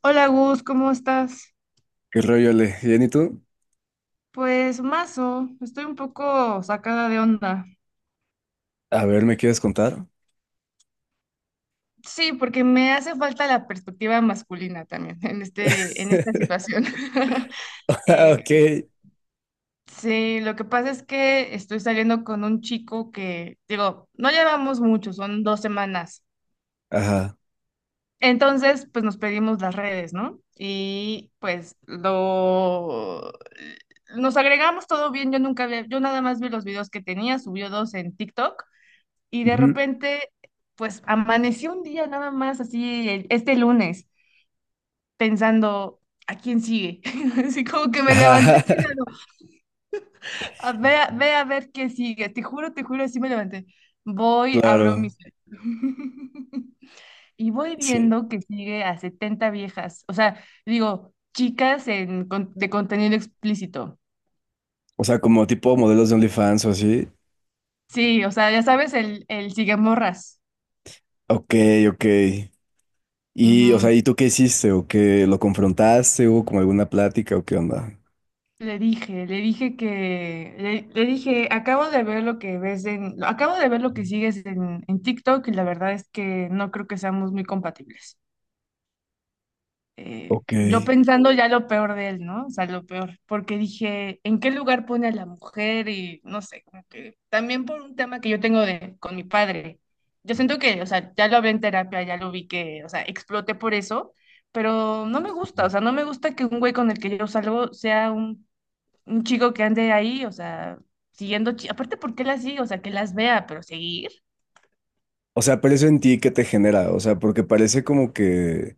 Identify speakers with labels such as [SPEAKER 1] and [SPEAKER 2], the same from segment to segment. [SPEAKER 1] Hola Gus, ¿cómo estás?
[SPEAKER 2] ¿Qué rollo, Ale? ¿Bien y tú?
[SPEAKER 1] Pues mazo, estoy un poco sacada de onda.
[SPEAKER 2] A ver, ¿me quieres contar?
[SPEAKER 1] Sí, porque me hace falta la perspectiva masculina también en esta situación.
[SPEAKER 2] Ah,
[SPEAKER 1] Eh,
[SPEAKER 2] ok.
[SPEAKER 1] sí, lo que pasa es que estoy saliendo con un chico que, digo, no llevamos mucho, son dos semanas.
[SPEAKER 2] Ajá.
[SPEAKER 1] Entonces, pues nos pedimos las redes, ¿no? Y pues lo... Nos agregamos todo bien, yo nunca había- yo nada más vi los videos que tenía, subió dos en TikTok. Y de
[SPEAKER 2] Ujú.
[SPEAKER 1] repente, pues amaneció un día nada más, así, este lunes, pensando, ¿a quién sigue? Así como que me levanté
[SPEAKER 2] Ajá.
[SPEAKER 1] pensando, a ver qué sigue. Te juro, así me levanté. Voy, abro mi
[SPEAKER 2] Claro,
[SPEAKER 1] cel. Y voy
[SPEAKER 2] sí.
[SPEAKER 1] viendo que sigue a 70 viejas. O sea, digo, de contenido explícito.
[SPEAKER 2] O sea, como tipo modelos de OnlyFans o así.
[SPEAKER 1] Sí, o sea, ya sabes, el sigue morras.
[SPEAKER 2] Ok, ok. Y, o sea, ¿y tú qué hiciste? ¿O qué lo confrontaste? ¿Hubo como alguna plática o qué onda?
[SPEAKER 1] Le dije, acabo de ver lo que sigues en TikTok y la verdad es que no creo que seamos muy compatibles.
[SPEAKER 2] Ok.
[SPEAKER 1] Yo pensando ya lo peor de él, ¿no? O sea, lo peor, porque dije, ¿en qué lugar pone a la mujer? Y no sé, como que también por un tema que yo tengo de, con mi padre. Yo siento que, o sea, ya lo hablé en terapia, ya lo vi que, o sea, exploté por eso, pero no me gusta, o sea, no me gusta que un güey con el que yo salgo sea un chico que ande ahí, o sea, siguiendo, aparte, ¿por qué las sigue? O sea, que las vea, pero seguir.
[SPEAKER 2] O sea, pero eso en ti, ¿qué te genera? O sea, porque parece como que,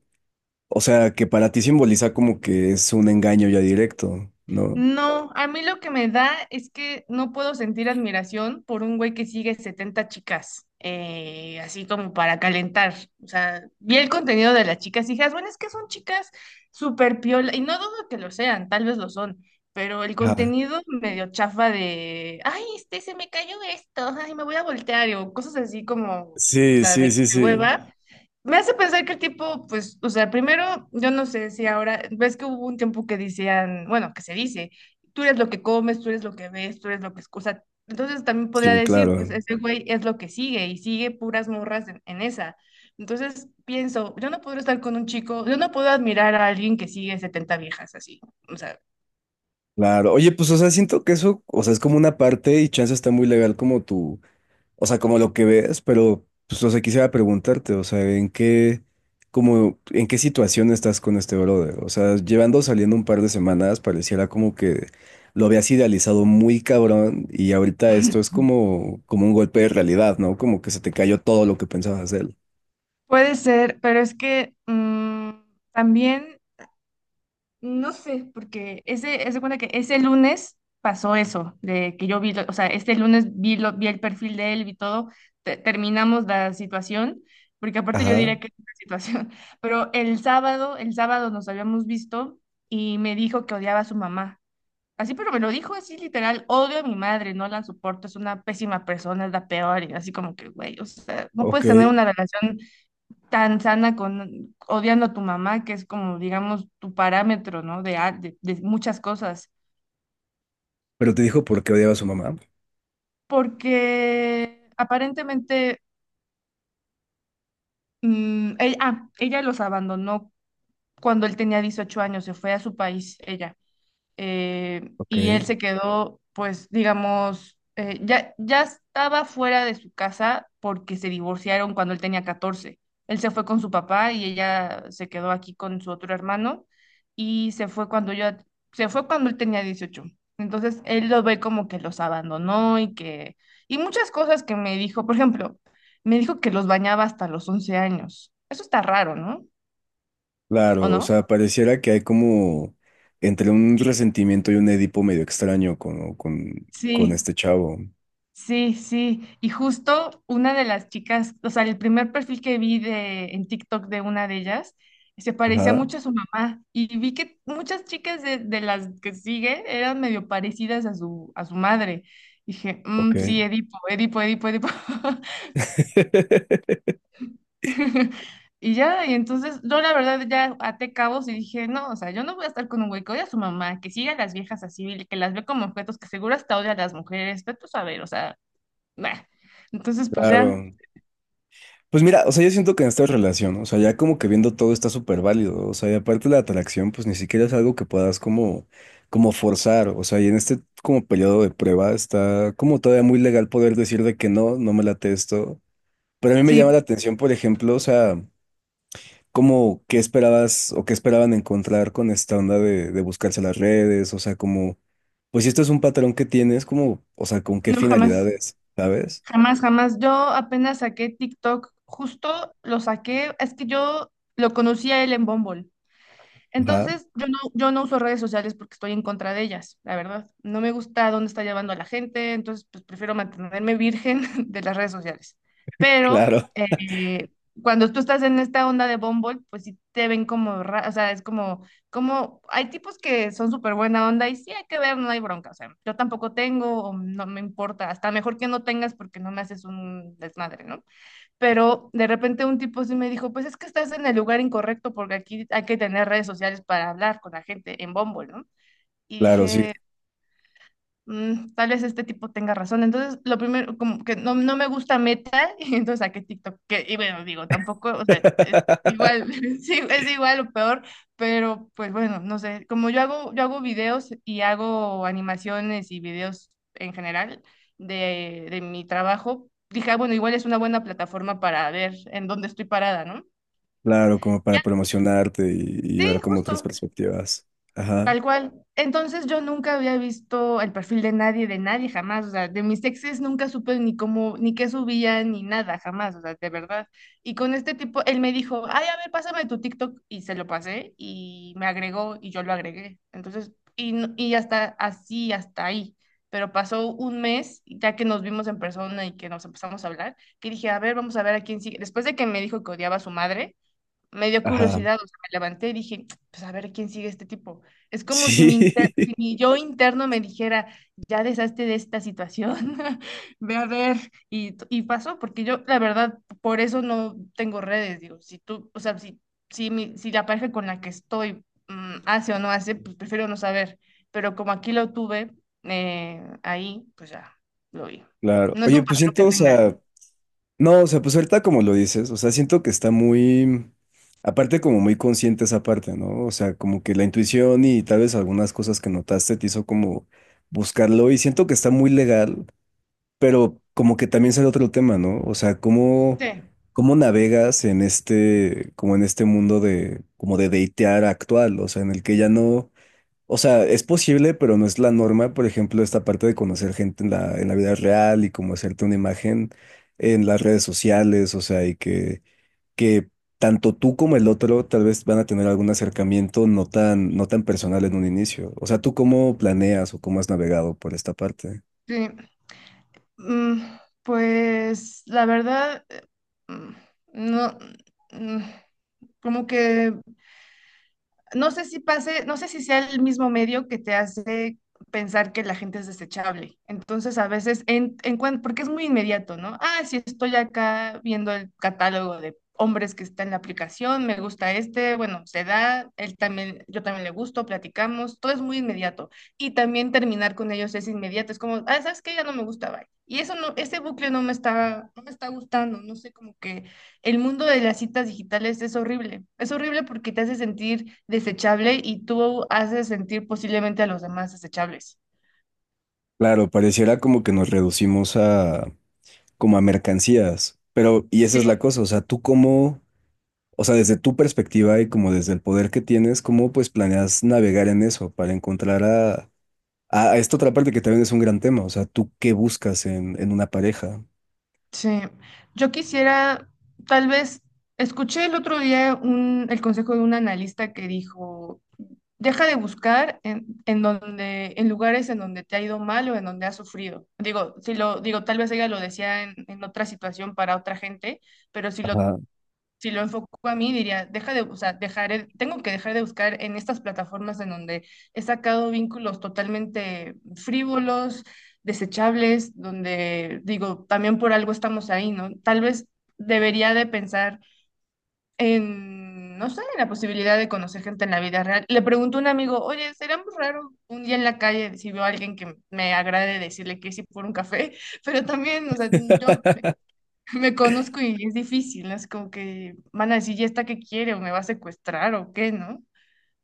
[SPEAKER 2] o sea, que para ti simboliza como que es un engaño ya directo, ¿no?
[SPEAKER 1] No, a mí lo que me da es que no puedo sentir admiración por un güey que sigue 70 chicas, así como para calentar. O sea, vi el contenido de las chicas y dije, "Ah, bueno, es que son chicas súper piola", y no dudo que lo sean, tal vez lo son, pero el
[SPEAKER 2] Ajá.
[SPEAKER 1] contenido medio chafa de, ay, este, se me cayó esto, ay, me voy a voltear, o cosas así como, o
[SPEAKER 2] Sí,
[SPEAKER 1] sea,
[SPEAKER 2] sí, sí,
[SPEAKER 1] de
[SPEAKER 2] sí.
[SPEAKER 1] hueva. Me hace pensar que el tipo, pues, o sea, primero, yo no sé si ahora, ves que hubo un tiempo que decían, bueno, que se dice, tú eres lo que comes, tú eres lo que ves, tú eres lo que escuchas. Entonces también podría
[SPEAKER 2] Sí,
[SPEAKER 1] decir,
[SPEAKER 2] claro.
[SPEAKER 1] pues, ese güey es lo que sigue y sigue puras morras en esa. Entonces pienso, yo no puedo estar con un chico, yo no puedo admirar a alguien que sigue 70 viejas así. O sea,
[SPEAKER 2] Claro, oye, pues, o sea, siento que eso, o sea, es como una parte y chance está muy legal como tú, o sea, como lo que ves, pero, pues, o sea, quisiera preguntarte, o sea, ¿en qué, como, en qué situación estás con este brother? O sea, llevando saliendo un par de semanas, pareciera como que lo habías idealizado muy cabrón y ahorita esto es como, como un golpe de realidad, ¿no? Como que se te cayó todo lo que pensabas de él.
[SPEAKER 1] puede ser, pero es que también. No sé, porque ese, haz de cuenta que ese lunes pasó eso, de que yo vi, o sea, este lunes vi, lo, vi el perfil de él, vi todo, terminamos la situación, porque aparte yo
[SPEAKER 2] Ajá,
[SPEAKER 1] diría que es una situación, pero el sábado nos habíamos visto y me dijo que odiaba a su mamá. Así, pero me lo dijo así literal, odio a mi madre, no la soporto, es una pésima persona, es la peor, y así como que, güey, o sea, no
[SPEAKER 2] ok.
[SPEAKER 1] puedes tener una relación tan sana con odiando a tu mamá, que es como, digamos, tu parámetro, ¿no? De de muchas cosas.
[SPEAKER 2] Pero te dijo por qué odiaba a su mamá.
[SPEAKER 1] Porque aparentemente ella, ella los abandonó cuando él tenía 18 años, se fue a su país, ella.
[SPEAKER 2] Ok.
[SPEAKER 1] Y él se quedó, pues, digamos, ya estaba fuera de su casa porque se divorciaron cuando él tenía catorce. Él se fue con su papá y ella se quedó aquí con su otro hermano y se fue cuando yo, se fue cuando él tenía dieciocho. Entonces él lo ve como que los abandonó y que, y muchas cosas que me dijo, por ejemplo, me dijo que los bañaba hasta los 11 años. Eso está raro, ¿no? ¿O
[SPEAKER 2] Claro, o
[SPEAKER 1] no?
[SPEAKER 2] sea, pareciera que hay como entre un resentimiento y un Edipo medio extraño con
[SPEAKER 1] Sí.
[SPEAKER 2] este chavo.
[SPEAKER 1] Sí, sí, y justo una de las chicas, o sea, el primer perfil que vi en TikTok de una de ellas, se parecía
[SPEAKER 2] Ajá,
[SPEAKER 1] mucho a su mamá y vi que muchas chicas de las que sigue eran medio parecidas a a su madre. Dije, "Mm,
[SPEAKER 2] ok.
[SPEAKER 1] sí, Edipo, Edipo, Edipo, Edipo". Y ya, y entonces yo la verdad ya até cabos y dije, no, o sea, yo no voy a estar con un güey que odia a su mamá, que sigue a las viejas así, que las ve como objetos, que seguro hasta odia a las mujeres, pero tú sabes, o sea, nah. Entonces, pues ya.
[SPEAKER 2] Claro. Pues mira, o sea, yo siento que en esta relación, o sea, ya como que viendo todo está súper válido, o sea, y aparte la atracción, pues ni siquiera es algo que puedas como, como forzar, o sea, y en este como periodo de prueba está como todavía muy legal poder decir de que no, no me late esto, pero a mí me llama la
[SPEAKER 1] Sí,
[SPEAKER 2] atención, por ejemplo, o sea... ¿Cómo, qué esperabas o qué esperaban encontrar con esta onda de buscarse las redes? O sea, como, pues si esto es un patrón que tienes, como, o sea, ¿con qué
[SPEAKER 1] no, jamás,
[SPEAKER 2] finalidades? ¿Sabes?
[SPEAKER 1] jamás, jamás. Yo apenas saqué TikTok, justo lo saqué, es que yo lo conocí a él en Bumble.
[SPEAKER 2] Ajá,
[SPEAKER 1] Entonces, yo no uso redes sociales porque estoy en contra de ellas, la verdad. No me gusta dónde está llevando a la gente, entonces pues prefiero mantenerme virgen de las redes sociales. Pero
[SPEAKER 2] claro,
[SPEAKER 1] cuando tú estás en esta onda de Bumble, pues sí te ven como, o sea, es como, como, hay tipos que son súper buena onda y sí hay que ver, no hay bronca, o sea, yo tampoco tengo, o no me importa, hasta mejor que no tengas porque no me haces un desmadre, ¿no? Pero de repente un tipo sí me dijo, pues es que estás en el lugar incorrecto porque aquí hay que tener redes sociales para hablar con la gente en Bumble, ¿no? Y
[SPEAKER 2] claro, sí.
[SPEAKER 1] dije, tal vez este tipo tenga razón. Entonces, lo primero, como que no, no me gusta Meta, y entonces saqué TikTok, que, y bueno, digo, tampoco, o sea, es igual, sí, es igual o peor, pero pues bueno, no sé, como yo hago videos y hago animaciones y videos en general de mi trabajo, dije, "Ah, bueno, igual es una buena plataforma para ver en dónde estoy parada, ¿no?"
[SPEAKER 2] Claro, como para promocionarte y ver
[SPEAKER 1] Sí,
[SPEAKER 2] como otras
[SPEAKER 1] justo.
[SPEAKER 2] perspectivas. Ajá,
[SPEAKER 1] Tal cual. Entonces yo nunca había visto el perfil de nadie jamás. O sea, de mis exes nunca supe ni cómo, ni qué subían, ni nada, jamás. O sea, de verdad. Y con este tipo, él me dijo, ay, a ver, pásame tu TikTok. Y se lo pasé y me agregó y yo lo agregué. Entonces, y, no- y hasta así, hasta ahí. Pero pasó un mes, ya que nos vimos en persona y que nos empezamos a hablar, que dije, a ver, vamos a ver a quién sigue. Después de que me dijo que odiaba a su madre me dio
[SPEAKER 2] ajá,
[SPEAKER 1] curiosidad, o sea, me levanté y dije, pues a ver quién sigue este tipo. Es como si
[SPEAKER 2] sí,
[SPEAKER 1] si mi yo interno me dijera, ya deshazte de esta situación, ve a ver, y, y pasó, porque yo, la verdad, por eso no tengo redes, digo, si tú, o sea, si la pareja con la que estoy hace o no hace, pues prefiero no saber, pero como aquí lo tuve, ahí, pues ya, lo vi.
[SPEAKER 2] claro.
[SPEAKER 1] No es
[SPEAKER 2] Oye,
[SPEAKER 1] un
[SPEAKER 2] pues
[SPEAKER 1] patrón que
[SPEAKER 2] siento, o
[SPEAKER 1] tenga, ¿eh?
[SPEAKER 2] sea, no, o sea, pues ahorita como lo dices, o sea, siento que está muy, aparte como muy consciente esa parte, ¿no? O sea, como que la intuición y tal vez algunas cosas que notaste te hizo como buscarlo y siento que está muy legal, pero como que también sale otro tema, ¿no? O sea, cómo,
[SPEAKER 1] Sí,
[SPEAKER 2] cómo navegas en este, como en este mundo de, como de datear actual, o sea, en el que ya no... O sea, es posible, pero no es la norma, por ejemplo, esta parte de conocer gente en la vida real y como hacerte una imagen en las redes sociales, o sea, y que tanto tú como el otro tal vez van a tener algún acercamiento no tan, no tan personal en un inicio. O sea, ¿tú cómo planeas o cómo has navegado por esta parte?
[SPEAKER 1] sí. Mm, pues la verdad, mm, no, mm, como que no sé si pase, no sé si sea el mismo medio que te hace pensar que la gente es desechable. Entonces, a veces, porque es muy inmediato, ¿no? Ah, si estoy acá viendo el catálogo de hombres que está en la aplicación, me gusta este, bueno, se da, él también, yo también le gusto, platicamos, todo es muy inmediato. Y también terminar con ellos es inmediato, es como, ah, ¿sabes qué? Ya no me gusta, bye. Y eso no, ese bucle no me está gustando, no sé, como que el mundo de las citas digitales es horrible. Es horrible porque te hace sentir desechable y tú haces sentir posiblemente a los demás desechables.
[SPEAKER 2] Claro, pareciera como que nos reducimos a como a mercancías, pero y esa es
[SPEAKER 1] Sí,
[SPEAKER 2] la cosa, o sea, ¿tú cómo? O sea, desde tu perspectiva y como desde el poder que tienes, ¿cómo pues planeas navegar en eso para encontrar a, a esta otra parte que también es un gran tema? O sea, ¿tú qué buscas en una pareja?
[SPEAKER 1] sí. Yo quisiera, tal vez, escuché el otro día un, el consejo de un analista que dijo, deja de buscar en donde, en lugares en donde te ha ido mal o en donde has sufrido. Digo, si lo, digo, tal vez ella lo decía en otra situación para otra gente, pero
[SPEAKER 2] Ajá.
[SPEAKER 1] si lo enfoco a mí, diría, deja de, o sea, dejaré, tengo que dejar de buscar en estas plataformas en donde he sacado vínculos totalmente frívolos, desechables, donde digo, también por algo estamos ahí, ¿no? Tal vez debería de pensar en, no sé, en la posibilidad de conocer gente en la vida real. Le pregunto a un amigo, oye, ¿sería muy raro un día en la calle si veo a alguien que me agrade decirle que sí por un café? Pero también, o sea, yo me conozco y es difícil, ¿no? Es como que van a decir, ¿y esta qué quiere? ¿O me va a secuestrar o qué, no?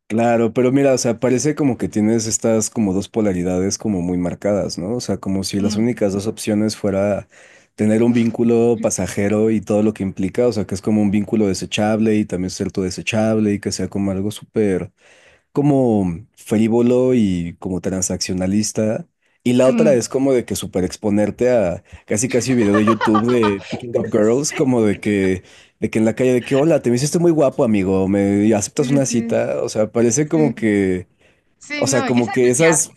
[SPEAKER 2] Claro, pero mira, o sea, parece como que tienes estas como dos polaridades como muy marcadas, ¿no? O sea, como si las
[SPEAKER 1] Mm,
[SPEAKER 2] únicas dos opciones fuera tener un vínculo pasajero y todo lo que implica, o sea, que es como un vínculo desechable y también ser tu desechable y que sea como algo súper como frívolo y como transaccionalista. Y la otra
[SPEAKER 1] mm.
[SPEAKER 2] es como de que super exponerte a casi casi video de YouTube de Picking Up Girls, como de que en la calle de que, hola, te me hiciste muy guapo, amigo, me aceptas
[SPEAKER 1] Sí,
[SPEAKER 2] una
[SPEAKER 1] sí,
[SPEAKER 2] cita. O sea, parece
[SPEAKER 1] sí.
[SPEAKER 2] como
[SPEAKER 1] Sí,
[SPEAKER 2] que,
[SPEAKER 1] sí,
[SPEAKER 2] o sea,
[SPEAKER 1] no, y
[SPEAKER 2] como
[SPEAKER 1] esa no
[SPEAKER 2] que
[SPEAKER 1] es viable.
[SPEAKER 2] esas...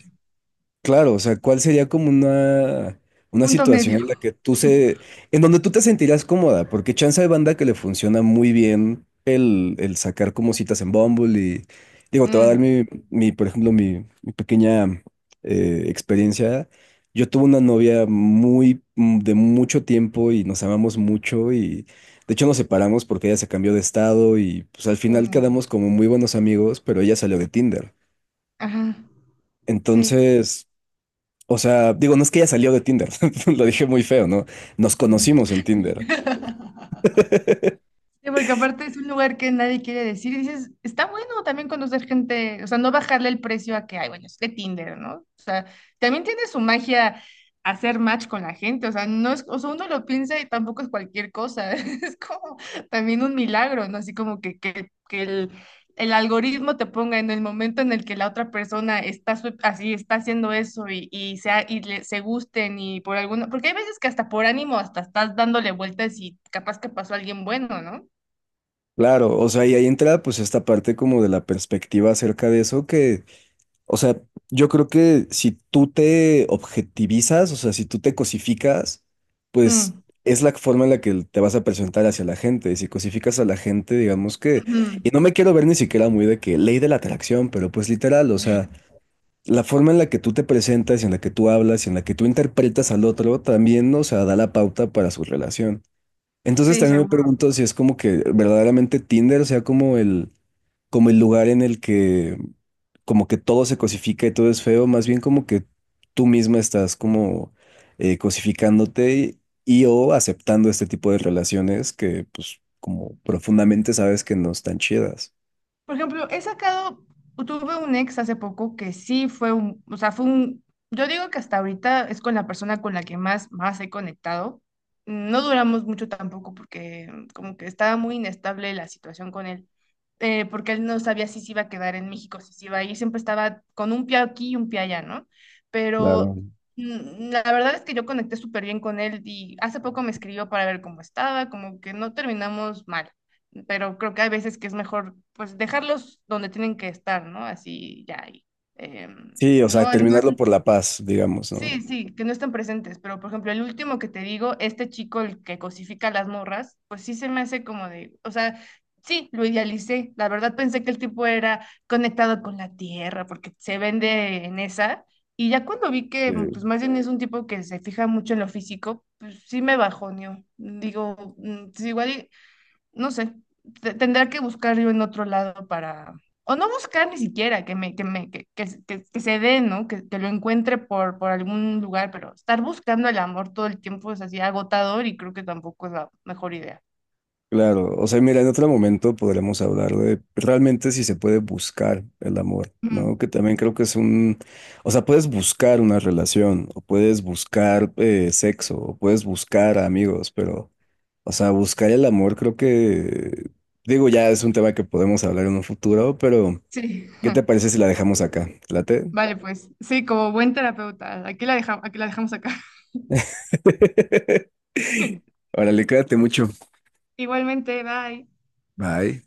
[SPEAKER 2] Claro, o sea, ¿cuál sería como una
[SPEAKER 1] Punto
[SPEAKER 2] situación
[SPEAKER 1] medio.
[SPEAKER 2] en la que tú se, en donde tú te sentirás cómoda? Porque chance hay banda que le funciona muy bien el sacar como citas en Bumble y, digo, te va a dar
[SPEAKER 1] Mm,
[SPEAKER 2] mi, mi, por ejemplo, mi pequeña experiencia. Yo tuve una novia muy, de mucho tiempo y nos amamos mucho y, de hecho, nos separamos porque ella se cambió de estado y, pues, al final
[SPEAKER 1] mm,
[SPEAKER 2] quedamos como muy buenos amigos, pero ella salió de Tinder.
[SPEAKER 1] ajá, sí.
[SPEAKER 2] Entonces... O sea, digo, no es que ella salió de Tinder, lo dije muy feo, ¿no? Nos conocimos en Tinder.
[SPEAKER 1] Sí, porque aparte es un lugar que nadie quiere decir. Y dices, está bueno también conocer gente, o sea, no bajarle el precio a que, ay, bueno, es de Tinder, ¿no? O sea, también tiene su magia hacer match con la gente, o sea, no es, o sea, uno lo piensa y tampoco es cualquier cosa, es como también un milagro, ¿no? Así como que, que el algoritmo te ponga en el momento en el que la otra persona está así, está haciendo eso sea, se gusten y por alguna, porque hay veces que hasta por ánimo, hasta estás dándole vueltas y capaz que pasó alguien bueno, ¿no?
[SPEAKER 2] Claro, o sea, y ahí entra pues esta parte como de la perspectiva acerca de eso que, o sea, yo creo que si tú te objetivizas, o sea, si tú te cosificas, pues
[SPEAKER 1] Mm,
[SPEAKER 2] es la forma en la que te vas a presentar hacia la gente. Si cosificas a la gente, digamos que, y
[SPEAKER 1] ujú.
[SPEAKER 2] no me quiero ver ni siquiera muy de que ley de la atracción, pero pues literal, o sea, la forma en la que tú te presentas, en la que tú hablas, en la que tú interpretas al otro, también, ¿no? O sea, da la pauta para su relación. Entonces
[SPEAKER 1] Sí,
[SPEAKER 2] también me
[SPEAKER 1] seguro.
[SPEAKER 2] pregunto si es como que verdaderamente Tinder sea como el lugar en el que como que todo se cosifica y todo es feo, más bien como que tú misma estás como cosificándote y, o aceptando este tipo de relaciones que pues como profundamente sabes que no están chidas.
[SPEAKER 1] Por ejemplo, he sacado, tuve un ex hace poco que sí fue un, o sea, fue un, yo digo que hasta ahorita es con la persona con la que más, más he conectado. No duramos mucho tampoco porque como que estaba muy inestable la situación con él, porque él no sabía si se iba a quedar en México, si se iba a ir, siempre estaba con un pie aquí y un pie allá, ¿no? Pero
[SPEAKER 2] Claro.
[SPEAKER 1] La verdad es que yo conecté súper bien con él y hace poco me escribió para ver cómo estaba, como que no terminamos mal. Pero creo que hay veces que es mejor pues dejarlos donde tienen que estar, ¿no? Así ya. Em,
[SPEAKER 2] Sí, o sea,
[SPEAKER 1] no, no-
[SPEAKER 2] terminarlo por la paz, digamos,
[SPEAKER 1] sí,
[SPEAKER 2] ¿no?
[SPEAKER 1] sí, que no estén presentes, pero por ejemplo, el último que te digo, este chico el que cosifica a las morras, pues sí se me hace como de, o sea, sí, lo idealicé. La verdad pensé que el tipo era conectado con la tierra porque se vende en esa. Y ya cuando vi que
[SPEAKER 2] Eh,
[SPEAKER 1] pues más bien es un tipo que se fija mucho en lo físico, pues sí me bajoneó. Digo, pues, igual no sé, tendrá que buscar yo en otro lado para, o no buscar ni siquiera, que me, que me, que se dé, ¿no? Que lo encuentre por algún lugar, pero estar buscando el amor todo el tiempo es así agotador y creo que tampoco es la mejor idea.
[SPEAKER 2] claro, o sea, mira, en otro momento podremos hablar de realmente si se puede buscar el amor,
[SPEAKER 1] Ujú,
[SPEAKER 2] ¿no? Que también creo que es un, o sea, puedes buscar una relación, o puedes buscar sexo, o puedes buscar amigos, pero, o sea, buscar el amor creo que, digo, ya es un tema que podemos hablar en un futuro, pero
[SPEAKER 1] sí.
[SPEAKER 2] ¿qué te parece si la dejamos acá? ¿Te ¿Late?
[SPEAKER 1] Vale, pues sí, como buen terapeuta, aquí la dejamos acá.
[SPEAKER 2] Órale, cuídate mucho.
[SPEAKER 1] Igualmente, bye.
[SPEAKER 2] Bye.